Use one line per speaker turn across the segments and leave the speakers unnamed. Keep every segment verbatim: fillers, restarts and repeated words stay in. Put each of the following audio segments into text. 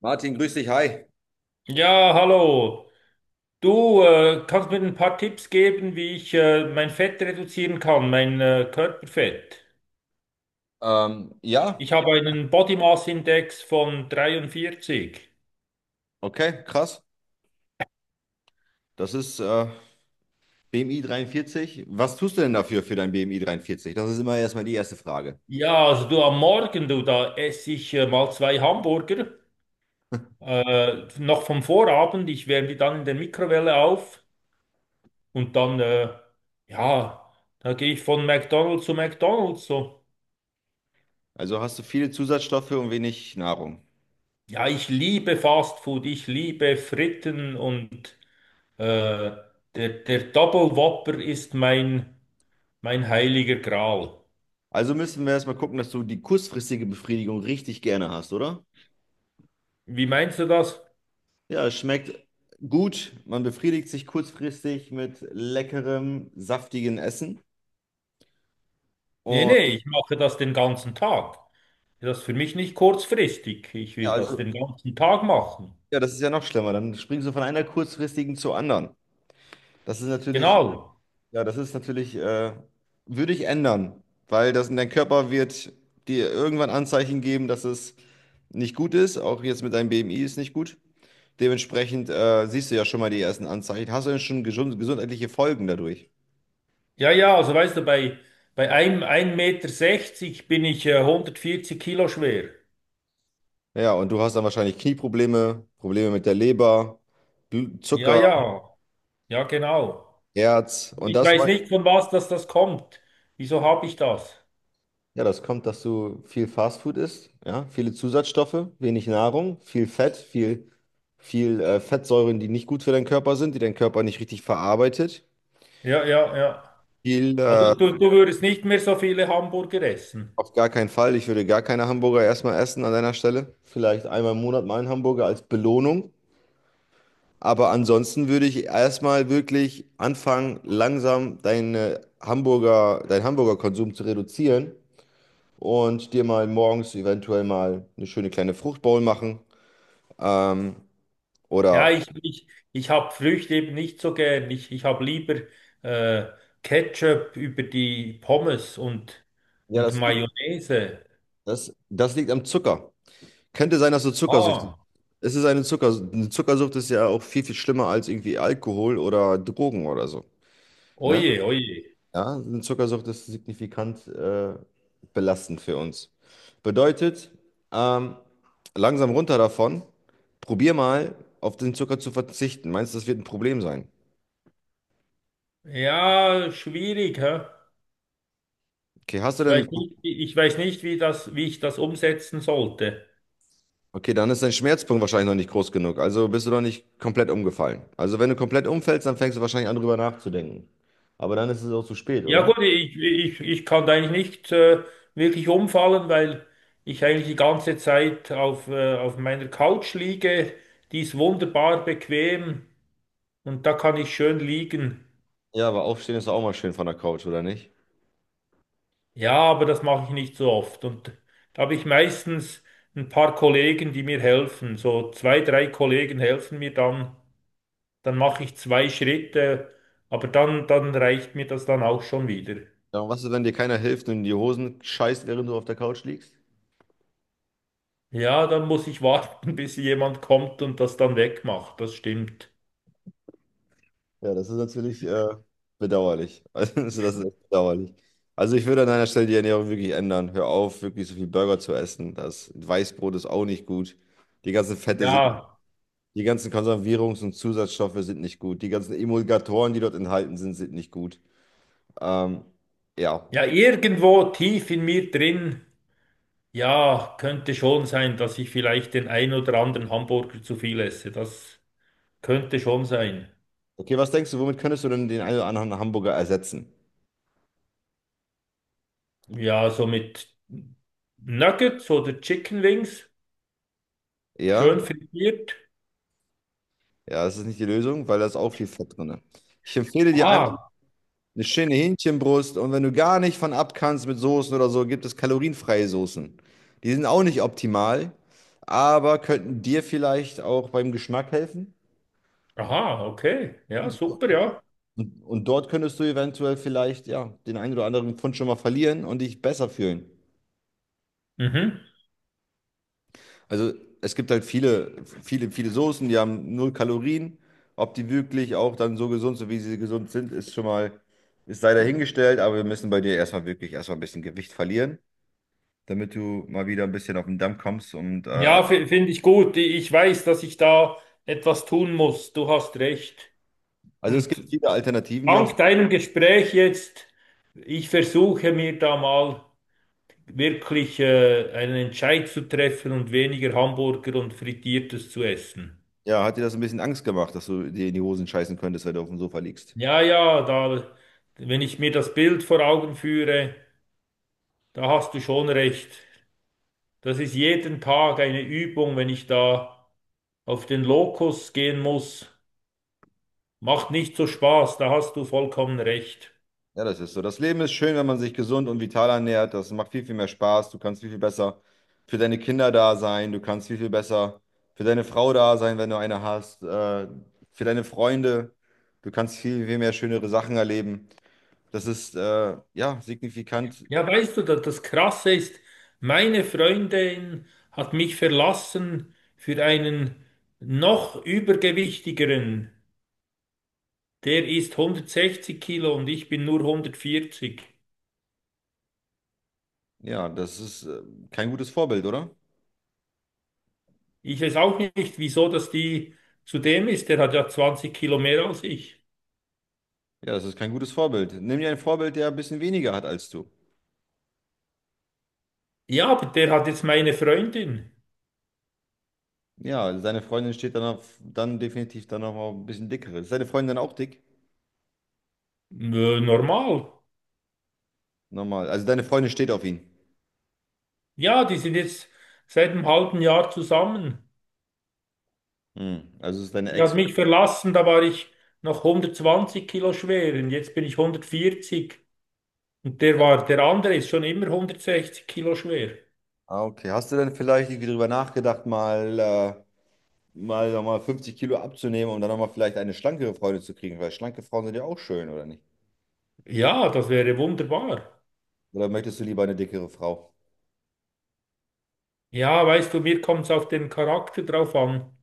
Martin, grüß dich, hi.
Ja, hallo. Du äh, kannst mir ein paar Tipps geben, wie ich äh, mein Fett reduzieren kann, mein äh, Körperfett.
Ähm, ja,
Ich habe einen Body Mass Index von dreiundvierzig.
okay, krass. Das ist äh, B M I dreiundvierzig. Was tust du denn dafür für dein B M I dreiundvierzig? Das ist immer erstmal die erste Frage.
Ja, also du am Morgen, du, da esse ich äh, mal zwei Hamburger, äh, noch vom Vorabend. Ich wärme die dann in der Mikrowelle auf und dann, äh, ja, da gehe ich von McDonald's zu McDonald's. So.
Also hast du viele Zusatzstoffe und wenig Nahrung.
Ja, ich liebe Fast Food, ich liebe Fritten und. Äh, der, der Double Whopper ist mein, mein heiliger Gral.
Also müssen wir erstmal gucken, dass du die kurzfristige Befriedigung richtig gerne hast, oder?
Wie meinst du das?
Ja, es schmeckt gut. Man befriedigt sich kurzfristig mit leckerem, saftigen Essen.
Nee, nee,
Und
ich mache das den ganzen Tag. Das ist für mich nicht kurzfristig. Ich
ja,
will das
also,
den ganzen Tag machen.
ja, das ist ja noch schlimmer. Dann springst du von einer kurzfristigen zur anderen. Das ist natürlich.
Genau.
Ja, das ist natürlich, äh, würde ich ändern, weil das in dein Körper wird dir irgendwann Anzeichen geben, dass es nicht gut ist. Auch jetzt mit deinem B M I ist nicht gut. Dementsprechend äh, siehst du ja schon mal die ersten Anzeichen. Hast du denn schon gesund gesundheitliche Folgen dadurch?
Ja, ja, also weißt du, bei, bei einem ein Meter sechzig bin ich äh, hundertvierzig Kilo schwer.
Ja, und du hast dann wahrscheinlich Knieprobleme, Probleme mit der Leber, Bl-
Ja,
Zucker,
ja, ja, genau.
Herz und
Ich
das.
weiß nicht, von was das, das kommt. Wieso habe ich das?
Ja, das kommt, dass du viel Fastfood isst, ja, viele Zusatzstoffe, wenig Nahrung, viel Fett, viel, viel äh, Fettsäuren, die nicht gut für deinen Körper sind, die dein Körper nicht richtig verarbeitet.
Ja, ja, ja.
Viel, äh,
Also du, du würdest nicht mehr so viele Hamburger essen.
auf gar keinen Fall. Ich würde gar keine Hamburger erstmal essen an deiner Stelle. Vielleicht einmal im Monat mal einen Hamburger als Belohnung. Aber ansonsten würde ich erstmal wirklich anfangen, langsam deine Hamburger, deinen Hamburger-Konsum zu reduzieren und dir mal morgens eventuell mal eine schöne kleine Fruchtbowl machen. Ähm,
Ja,
Oder
ich, ich, ich habe Früchte eben nicht so gern. Ich, ich habe lieber äh, Ketchup über die Pommes und,
Ja,
und
das,
Mayonnaise.
das, das liegt am Zucker. Könnte sein, dass du Zuckersüchtig bist.
Ah,
Es ist eine Zucker, eine Zuckersucht ist ja auch viel, viel schlimmer als irgendwie Alkohol oder Drogen oder so. Ne?
oje, oje.
Ja, eine Zuckersucht ist signifikant äh, belastend für uns. Bedeutet, ähm, langsam runter davon. Probier mal, auf den Zucker zu verzichten. Meinst du, das wird ein Problem sein?
Ja, schwierig, hä?
Okay, hast du
Ich
denn.
weiß nicht, wie- ich weiß nicht, wie das, wie ich das umsetzen sollte.
Okay, dann ist dein Schmerzpunkt wahrscheinlich noch nicht groß genug. Also bist du noch nicht komplett umgefallen. Also wenn du komplett umfällst, dann fängst du wahrscheinlich an, drüber nachzudenken. Aber dann ist es auch zu spät,
Ja
oder?
gut, ich, ich, ich kann da eigentlich nicht äh, wirklich umfallen, weil ich eigentlich die ganze Zeit auf, äh, auf meiner Couch liege. Die ist wunderbar bequem. Und da kann ich schön liegen.
Ja, aber aufstehen ist doch auch mal schön von der Couch, oder nicht?
Ja, aber das mache ich nicht so oft. Und da habe ich meistens ein paar Kollegen, die mir helfen. So zwei, drei Kollegen helfen mir dann. Dann mache ich zwei Schritte, aber dann, dann reicht mir das dann auch schon wieder.
Ja, und was ist, wenn dir keiner hilft und in die Hosen scheißt, während du auf der Couch liegst?
Ja, dann muss ich warten, bis jemand kommt und das dann wegmacht. Das stimmt.
Ja, das ist natürlich äh, bedauerlich. Also das ist echt bedauerlich. Also ich würde an deiner Stelle die Ernährung wirklich ändern. Hör auf, wirklich so viel Burger zu essen. Das Weißbrot ist auch nicht gut. Die ganzen Fette sind.
Ja,
Die ganzen Konservierungs- und Zusatzstoffe sind nicht gut. Die ganzen Emulgatoren, die dort enthalten sind, sind nicht gut. Ähm, ja.
ja, irgendwo tief in mir drin, ja, könnte schon sein, dass ich vielleicht den ein oder anderen Hamburger zu viel esse. Das könnte schon sein.
Okay, was denkst du, womit könntest du denn den einen oder anderen Hamburger ersetzen?
Ja, so mit Nuggets oder Chicken Wings,
Ja,
schön frittiert.
ja, das ist nicht die Lösung, weil da ist auch viel Fett drin. Ich empfehle dir einfach
Ah,
eine schöne Hähnchenbrust und wenn du gar nicht von ab kannst mit Soßen oder so, gibt es kalorienfreie Soßen. Die sind auch nicht optimal, aber könnten dir vielleicht auch beim Geschmack helfen.
aha, okay. Ja, super, ja.
Und, und dort könntest du eventuell vielleicht, ja, den einen oder anderen Pfund schon mal verlieren und dich besser fühlen.
Mhm.
Also es gibt halt viele, viele, viele Soßen, die haben null Kalorien. Ob die wirklich auch dann so gesund sind, wie sie gesund sind, ist schon mal, ist sei dahingestellt, aber wir müssen bei dir erstmal wirklich erstmal ein bisschen Gewicht verlieren, damit du mal wieder ein bisschen auf den Damm kommst. Und äh,
Ja, fi- finde ich gut. Ich weiß, dass ich da etwas tun muss. Du hast recht.
also es
Und
gibt viele Alternativen, die auch,
dank deinem Gespräch jetzt, ich versuche mir da mal wirklich äh, einen Entscheid zu treffen und weniger Hamburger und Frittiertes zu essen.
ja, hat dir das ein bisschen Angst gemacht, dass du dir in die Hosen scheißen könntest, wenn du auf dem Sofa liegst?
Ja, ja, da, wenn ich mir das Bild vor Augen führe. Da hast du schon recht. Das ist jeden Tag eine Übung, wenn ich da auf den Lokus gehen muss. Macht nicht so Spaß, da hast du vollkommen recht.
Ja, das ist so. Das Leben ist schön, wenn man sich gesund und vital ernährt. Das macht viel, viel mehr Spaß. Du kannst viel, viel besser für deine Kinder da sein. Du kannst viel, viel besser für deine Frau da sein, wenn du eine hast. Äh, für deine Freunde. Du kannst viel, viel mehr schönere Sachen erleben. Das ist, äh, ja, signifikant.
Ja, weißt du, da- das Krasse ist, meine Freundin hat mich verlassen für einen noch übergewichtigeren. Der ist hundertsechzig Kilo und ich bin nur hundertvierzig.
Ja, das ist, äh, kein gutes Vorbild, oder?
Ich weiß auch nicht, wieso das die zu dem ist. Der hat ja zwanzig Kilo mehr als ich.
Ja, das ist kein gutes Vorbild. Nimm dir ein Vorbild, der ein bisschen weniger hat als du.
Ja, aber der hat jetzt meine Freundin.
Ja, seine Freundin steht dann, auf, dann definitiv dann noch mal ein bisschen dickere. Ist deine Freundin dann auch dick?
Nö, normal.
Normal. Also deine Freundin steht auf ihn.
Ja, die sind jetzt seit einem halben Jahr zusammen.
Hm, also es ist deine
Die hat
Ex.
mich verlassen, da war ich noch hundertzwanzig Kilo schwer und jetzt bin ich hundertvierzig. Und der war, der andere ist schon immer hundertsechzig Kilo schwer.
Ah, okay. Hast du denn vielleicht irgendwie drüber nachgedacht, mal, äh, mal nochmal fünfzig Kilo abzunehmen, um dann nochmal vielleicht eine schlankere Freundin zu kriegen? Weil schlanke Frauen sind ja auch schön, oder nicht?
Ja, das wäre wunderbar.
Oder möchtest du lieber eine dickere Frau?
Ja, weißt du, mir kommt es auf den Charakter drauf an.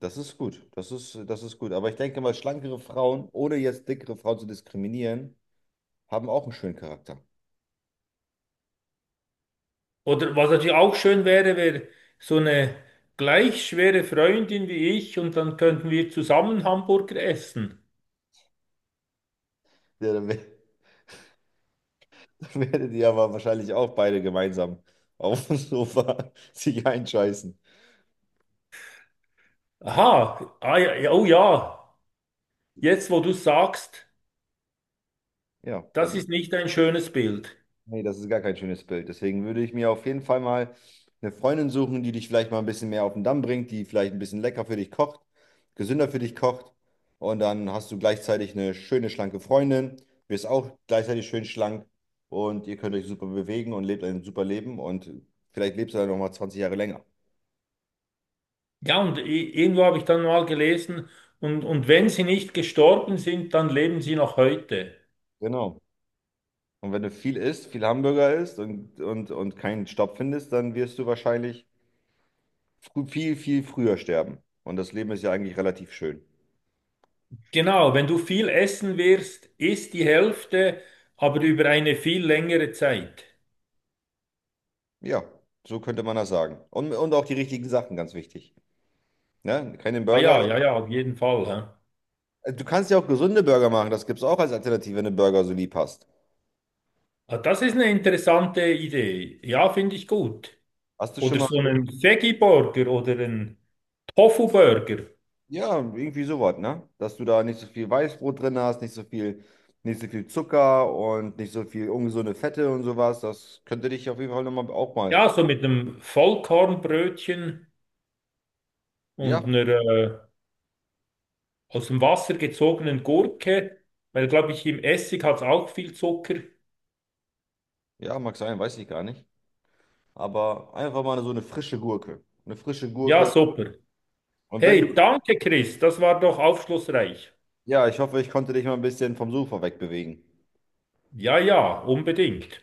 Das ist gut. Das ist, das ist gut. Aber ich denke mal, schlankere Frauen, ohne jetzt dickere Frauen zu diskriminieren, haben auch einen schönen Charakter.
Oder was natürlich auch schön wäre, wäre so eine gleich schwere Freundin wie ich und dann könnten wir zusammen Hamburger essen.
Ja, dann, wär, dann werdet ihr aber wahrscheinlich auch beide gemeinsam auf dem Sofa sich einscheißen.
Aha, ah, ja, ja, oh ja, jetzt wo du sagst,
Ja,
das
dann.
ist nicht ein schönes Bild.
Nee, das ist gar kein schönes Bild. Deswegen würde ich mir auf jeden Fall mal eine Freundin suchen, die dich vielleicht mal ein bisschen mehr auf den Damm bringt, die vielleicht ein bisschen lecker für dich kocht, gesünder für dich kocht. Und dann hast du gleichzeitig eine schöne, schlanke Freundin, wirst auch gleichzeitig schön schlank und ihr könnt euch super bewegen und lebt ein super Leben und vielleicht lebst du dann nochmal zwanzig Jahre länger.
Ja, und i- irgendwo habe ich dann mal gelesen, und, und wenn sie nicht gestorben sind, dann leben sie noch heute.
Genau. Und wenn du viel isst, viel Hamburger isst und, und, und keinen Stopp findest, dann wirst du wahrscheinlich frü- viel, viel früher sterben. Und das Leben ist ja eigentlich relativ schön.
Genau, wenn du viel essen wirst, isst die Hälfte, aber über eine viel längere Zeit.
Ja, so könnte man das sagen. Und, und auch die richtigen Sachen, ganz wichtig. Ne? Keine
Ah
Burger,
ja, ja,
sondern,
ja, auf jeden Fall. Hä?
du kannst ja auch gesunde Burger machen. Das gibt es auch als Alternative, wenn du Burger so lieb hast.
Ah, das ist eine interessante Idee. Ja, finde ich gut.
Hast du schon
Oder
mal,
so einen Veggie-Burger oder einen Tofu-Burger.
ja, irgendwie sowas, ne? Dass du da nicht so viel Weißbrot drin hast, nicht so viel, nicht so viel Zucker und nicht so viel ungesunde Fette und sowas. Das könnte dich auf jeden Fall noch mal auch mal.
Ja, so mit einem Vollkornbrötchen und
Ja,
einer äh, aus dem Wasser gezogenen Gurke, weil, glaube ich, im Essig hat es auch viel Zucker.
ja, mag sein, weiß ich gar nicht. Aber einfach mal so eine frische Gurke. Eine frische
Ja,
Gurke.
super.
Und wenn
Hey,
du,
danke, Chris, das war doch aufschlussreich.
ja, ich hoffe, ich konnte dich mal ein bisschen vom Sofa wegbewegen.
Ja, ja, unbedingt.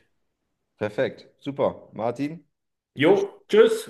Perfekt, super. Martin, ich
Jo,
wünsche
tschüss.